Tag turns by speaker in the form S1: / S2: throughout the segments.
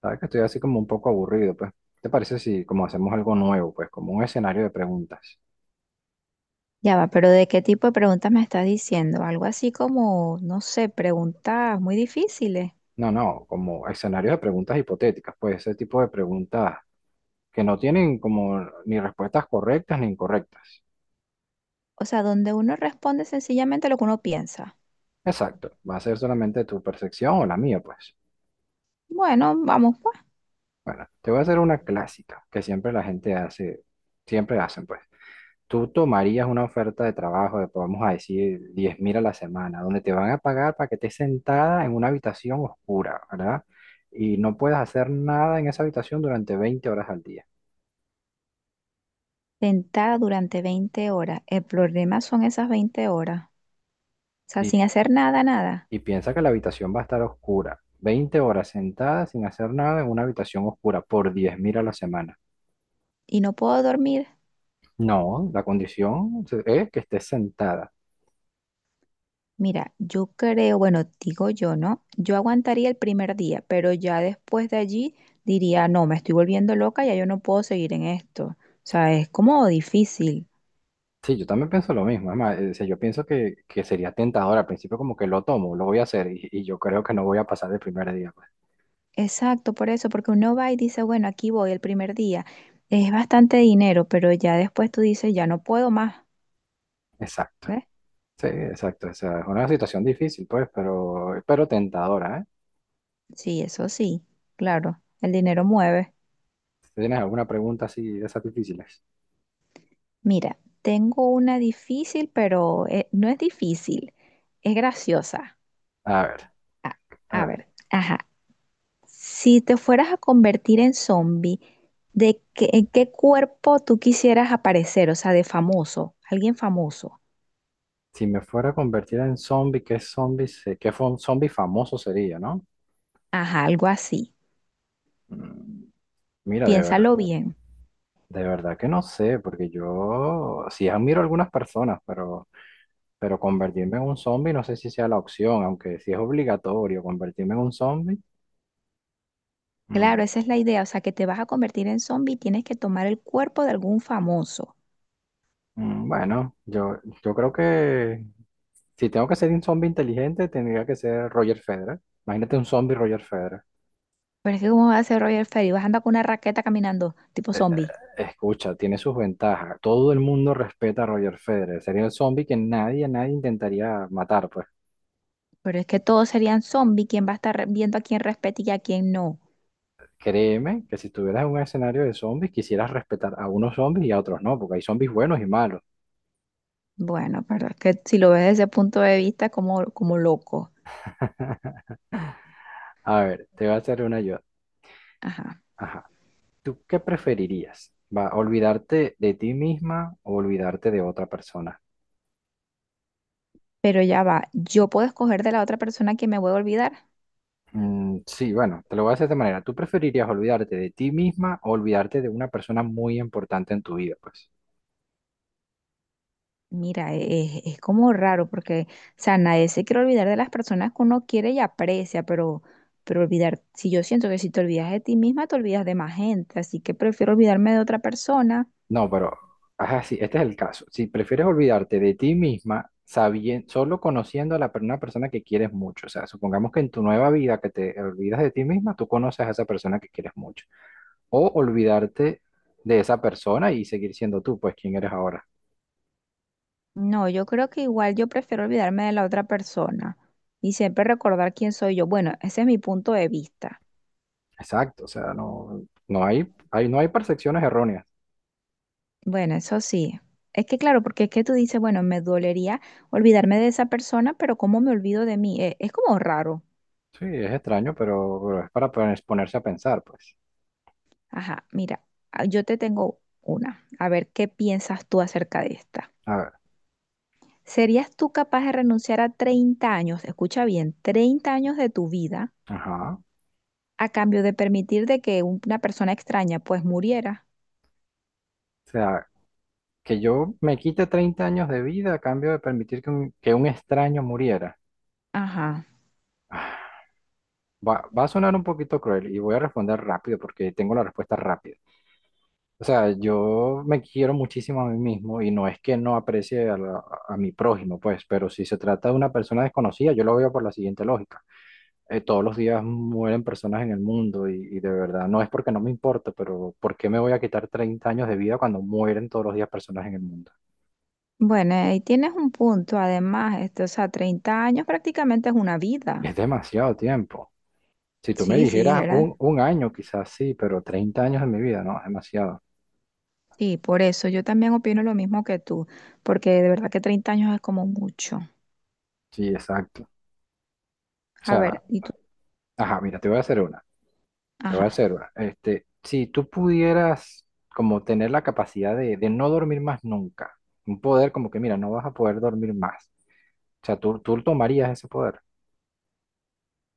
S1: Sabes que estoy así como un poco aburrido, pues. ¿Te parece si como hacemos algo nuevo, pues, como un escenario de preguntas?
S2: Ya va, pero ¿de qué tipo de preguntas me estás diciendo? Algo así como, no sé, preguntas muy difíciles.
S1: No, no, como escenarios de preguntas hipotéticas, pues, ese tipo de preguntas que no tienen como ni respuestas correctas ni incorrectas.
S2: O sea, donde uno responde sencillamente lo que uno piensa.
S1: Exacto, va a ser solamente tu percepción o la mía, pues.
S2: Bueno, vamos pues.
S1: Bueno, te voy a hacer una clásica que siempre la gente hace, siempre hacen, pues. Tú tomarías una oferta de trabajo de, vamos a decir, 10.000 a la semana, donde te van a pagar para que estés sentada en una habitación oscura, ¿verdad? Y no puedas hacer nada en esa habitación durante 20 horas al día.
S2: Sentada durante 20 horas. El problema son esas 20 horas. O sea, sin
S1: Y,
S2: hacer nada, nada.
S1: y piensa que la habitación va a estar oscura. Veinte horas sentada sin hacer nada en una habitación oscura por 10.000 a la semana.
S2: Y no puedo dormir.
S1: No, la condición es que estés sentada.
S2: Mira, yo creo, bueno, digo yo, ¿no? Yo aguantaría el primer día, pero ya después de allí diría, no, me estoy volviendo loca, ya yo no puedo seguir en esto. O sea, es como difícil.
S1: Sí, yo también pienso lo mismo. Es más, o sea, yo pienso que sería tentador al principio como que lo tomo, lo voy a hacer y yo creo que no voy a pasar el primer día, pues.
S2: Exacto, por eso, porque uno va y dice, bueno, aquí voy el primer día. Es bastante dinero, pero ya después tú dices, ya no puedo más,
S1: Exacto.
S2: ¿ves?
S1: Sí, exacto. O sea, es una situación difícil, pues, pero tentadora, ¿eh?
S2: Sí, eso sí, claro, el dinero mueve.
S1: Si. ¿Tienes alguna pregunta así de esas difíciles?
S2: Mira, tengo una difícil, pero no es difícil, es graciosa.
S1: A ver,
S2: A,
S1: a
S2: a
S1: ver.
S2: ver, ajá, si te fueras a convertir en zombie, ¿de qué, en qué cuerpo tú quisieras aparecer? O sea, de famoso, alguien famoso.
S1: Si me fuera a convertir en zombie, ¿qué zombie, zombie famoso sería, ¿no?
S2: Ajá, algo así.
S1: Mm, Mira,
S2: Piénsalo bien.
S1: de verdad que no sé, porque yo sí admiro a algunas personas, pero convertirme en un zombie no sé si sea la opción, aunque si es obligatorio convertirme en un zombie, mm,
S2: Claro, esa es la idea, o sea, que te vas a convertir en zombie y tienes que tomar el cuerpo de algún famoso.
S1: bueno, yo creo que si tengo que ser un zombie inteligente, tendría que ser Roger Federer. Imagínate un zombie Roger Federer.
S2: Pero es que ¿cómo va a ser Roger Ferry? Vas a andar con una raqueta caminando, tipo
S1: Eh,
S2: zombie.
S1: Escucha, tiene sus ventajas. Todo el mundo respeta a Roger Federer. Sería el zombie que nadie, nadie intentaría matar, pues.
S2: Pero es que todos serían zombie, ¿quién va a estar viendo a quién respeta y a quién no?
S1: Créeme que si estuvieras en un escenario de zombies, quisieras respetar a unos zombies y a otros no, porque hay zombies buenos y malos.
S2: Bueno, pero es que si lo ves desde ese punto de vista, como, como loco.
S1: A ver, te voy a hacer una yo.
S2: Ajá.
S1: Ajá. ¿Tú qué preferirías? ¿Va, olvidarte de ti misma o olvidarte de otra persona?
S2: Pero ya va, yo puedo escoger de la otra persona que me voy a olvidar.
S1: Mm, sí, bueno, te lo voy a hacer de esta manera. ¿Tú preferirías olvidarte de ti misma o olvidarte de una persona muy importante en tu vida? Pues
S2: Mira, es como raro porque, o sea, nadie se quiere olvidar de las personas que uno quiere y aprecia, pero olvidar, si yo siento que si te olvidas de ti misma, te olvidas de más gente, así que prefiero olvidarme de otra persona.
S1: no, pero ajá, sí, este es el caso. Si prefieres olvidarte de ti misma solo conociendo a una persona que quieres mucho, o sea, supongamos que en tu nueva vida que te olvidas de ti misma, tú conoces a esa persona que quieres mucho. O olvidarte de esa persona y seguir siendo tú, pues, quien eres ahora.
S2: No, yo creo que igual yo prefiero olvidarme de la otra persona y siempre recordar quién soy yo. Bueno, ese es mi punto de vista.
S1: Exacto, o sea, no, no no hay percepciones erróneas.
S2: Bueno, eso sí. Es que claro, porque es que tú dices, bueno, me dolería olvidarme de esa persona, pero ¿cómo me olvido de mí? Es, como raro.
S1: Sí, es extraño, pero es para ponerse a pensar, pues.
S2: Ajá, mira, ah, yo te tengo una. A ver qué piensas tú acerca de esta.
S1: A ver,
S2: ¿Serías tú capaz de renunciar a 30 años, escucha bien, 30 años de tu vida
S1: ajá.
S2: a cambio de permitir de que una persona extraña pues muriera?
S1: O sea, que yo me quite 30 años de vida a cambio de permitir que un extraño muriera.
S2: Ajá.
S1: Ah, va a sonar un poquito cruel y voy a responder rápido porque tengo la respuesta rápida. O sea, yo me quiero muchísimo a mí mismo y no es que no aprecie a mi prójimo, pues, pero si se trata de una persona desconocida, yo lo veo por la siguiente lógica. Todos los días mueren personas en el mundo y de verdad no es porque no me importa, pero ¿por qué me voy a quitar 30 años de vida cuando mueren todos los días personas en el mundo?
S2: Bueno, ahí tienes un punto. Además, este, o sea, 30 años prácticamente es una vida.
S1: Es demasiado tiempo. Si tú me
S2: Sí, sí,
S1: dijeras
S2: dijeras.
S1: un año, quizás sí, pero 30 años de mi vida, no, es demasiado.
S2: Sí, por eso yo también opino lo mismo que tú, porque de verdad que 30 años es como mucho.
S1: Sí, exacto. O
S2: A
S1: sea,
S2: ver, y tú,
S1: ajá, mira, te voy a hacer una, te voy
S2: ajá,
S1: a hacer una. Este, si tú pudieras como tener la capacidad de no dormir más nunca, un poder como que, mira, no vas a poder dormir más. O sea, tú tomarías ese poder.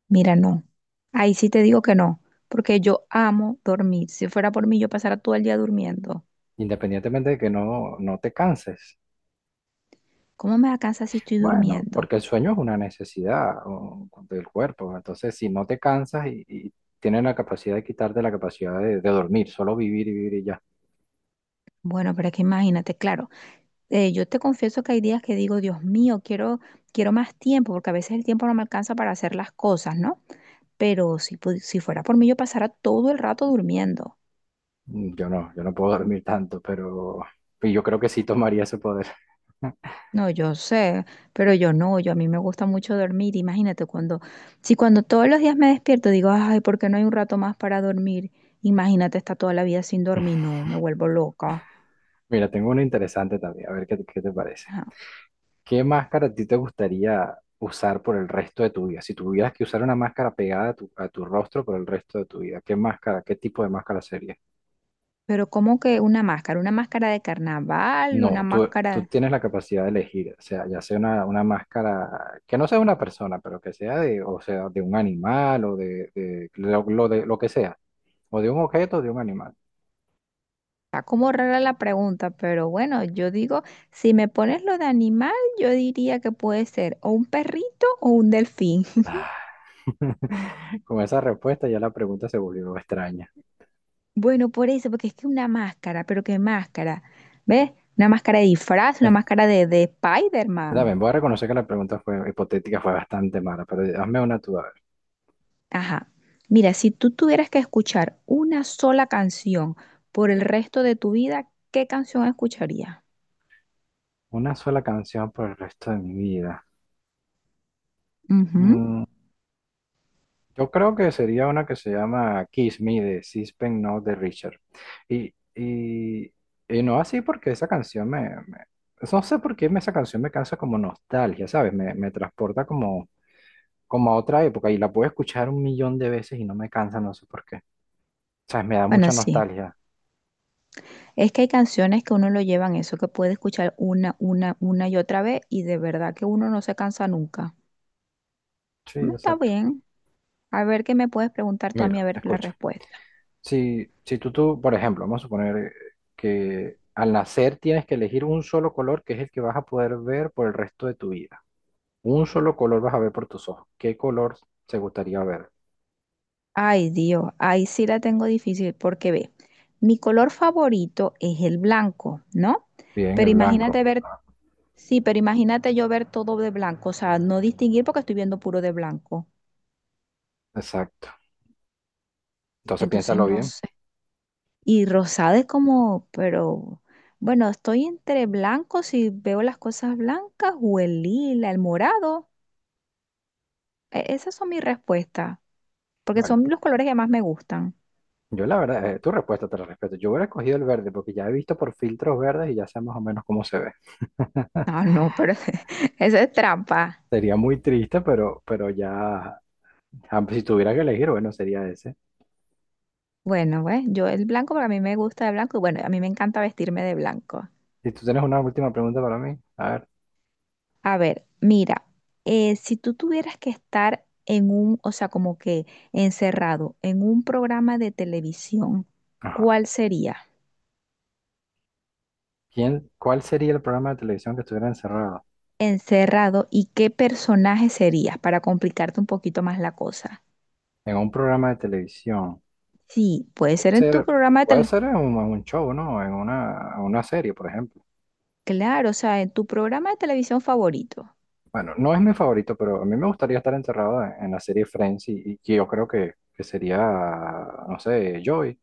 S2: mira, no. Ahí sí te digo que no, porque yo amo dormir. Si fuera por mí, yo pasara todo el día durmiendo.
S1: Independientemente de que no, no te canses.
S2: ¿Cómo me alcanza si estoy
S1: Bueno,
S2: durmiendo?
S1: porque el sueño es una necesidad o, del cuerpo, entonces si no te cansas y tienen la capacidad de quitarte la capacidad de dormir, solo vivir y vivir y ya.
S2: Bueno, pero es que imagínate, claro, yo te confieso que hay días que digo, Dios mío, quiero, quiero más tiempo, porque a veces el tiempo no me alcanza para hacer las cosas, ¿no? Pero si, si fuera por mí, yo pasara todo el rato durmiendo.
S1: Yo no puedo dormir tanto, pero y yo creo que sí tomaría ese poder.
S2: No, yo sé, pero yo no, yo a mí me gusta mucho dormir. Imagínate cuando, si cuando todos los días me despierto digo, ay, ¿por qué no hay un rato más para dormir? Imagínate estar toda la vida sin dormir, no, me vuelvo loca.
S1: Mira, tengo uno interesante también, a ver qué te parece.
S2: Ajá.
S1: ¿Qué máscara a ti te gustaría usar por el resto de tu vida? Si tuvieras que usar una máscara pegada a tu rostro por el resto de tu vida, ¿qué máscara, qué tipo de máscara sería?
S2: Pero ¿cómo que una máscara? ¿Una máscara de carnaval? ¿Una
S1: No, tú
S2: máscara?
S1: tienes la capacidad de elegir, o sea, ya sea una máscara, que no sea una persona, pero que sea de, o sea, de un animal o de lo que sea, o de un objeto o de un animal.
S2: Está como rara la pregunta, pero bueno, yo digo, si me pones lo de animal, yo diría que puede ser o un perrito o un delfín.
S1: Ah, Con esa respuesta ya la pregunta se volvió extraña.
S2: Bueno, por eso, porque es que una máscara, pero qué máscara, ¿ves? Una máscara de disfraz, una máscara de Spider-Man.
S1: También voy a reconocer que la pregunta fue hipotética, fue bastante mala, pero hazme una tú, a ver.
S2: Ajá. Mira, si tú tuvieras que escuchar una sola canción por el resto de tu vida, ¿qué canción escucharías?
S1: Una sola canción por el resto de mi vida.
S2: Ujú.
S1: Mm, Yo creo que sería una que se llama Kiss Me de Sispen No de Richard. Y, y, y no así porque esa canción. No sé por qué esa canción me causa como nostalgia, ¿sabes? Me transporta como a otra época y la puedo escuchar 1 millón de veces y no me cansa, no sé por qué. ¿Sabes? Me da
S2: Bueno,
S1: mucha
S2: sí.
S1: nostalgia.
S2: Es que hay canciones que uno lo llevan eso, que puede escuchar una y otra vez y de verdad que uno no se cansa nunca.
S1: Sí,
S2: Mm, está
S1: exacto.
S2: bien. A ver qué me puedes preguntar tú a mí, a
S1: Mira,
S2: ver la
S1: escucha.
S2: respuesta.
S1: Si tú, por ejemplo, vamos a suponer que al nacer tienes que elegir un solo color que es el que vas a poder ver por el resto de tu vida. Un solo color vas a ver por tus ojos. ¿Qué color te gustaría ver?
S2: Ay, Dios, ahí sí la tengo difícil porque ve, mi color favorito es el blanco, ¿no?
S1: Bien,
S2: Pero
S1: el
S2: imagínate
S1: blanco.
S2: ver, sí, pero imagínate yo ver todo de blanco, o sea, no distinguir porque estoy viendo puro de blanco.
S1: Exacto. Entonces
S2: Entonces
S1: piénsalo
S2: no
S1: bien.
S2: sé. Y rosada es como, pero bueno, estoy entre blanco si veo las cosas blancas o el lila, el morado. Esas son mis respuestas, porque
S1: Bueno,
S2: son los colores que más me gustan.
S1: yo la verdad, tu respuesta te la respeto. Yo hubiera escogido el verde porque ya he visto por filtros verdes y ya sé más o menos cómo se ve.
S2: Ah, no, pero esa es trampa.
S1: Sería muy triste, pero ya, ah, pues, si tuviera que elegir, bueno, sería ese.
S2: Bueno, pues yo el blanco, porque a mí me gusta el blanco y bueno, a mí me encanta vestirme de blanco.
S1: Si tú tienes una última pregunta para mí, a ver.
S2: A ver, mira, si tú tuvieras que estar en un, o sea, como que encerrado en un programa de televisión,
S1: Ajá.
S2: ¿cuál sería?
S1: ¿Cuál sería el programa de televisión que estuviera encerrado?
S2: Encerrado y qué personaje serías para complicarte un poquito más la cosa.
S1: En un programa de televisión.
S2: Sí, puede
S1: Puede
S2: ser en tu
S1: ser,
S2: programa de
S1: puede
S2: tele,
S1: ser en un show, ¿no? En una serie, por ejemplo.
S2: claro, o sea, en tu programa de televisión favorito.
S1: Bueno, no es mi favorito, pero a mí me gustaría estar encerrado en la serie Friends y yo creo que sería, no sé, Joey.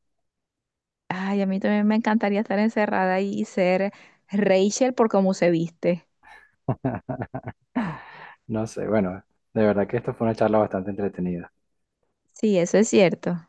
S2: Ay, a mí también me encantaría estar encerrada y ser Rachel por cómo se viste.
S1: No sé, bueno, de verdad que esta fue una charla bastante entretenida.
S2: Sí, eso es cierto.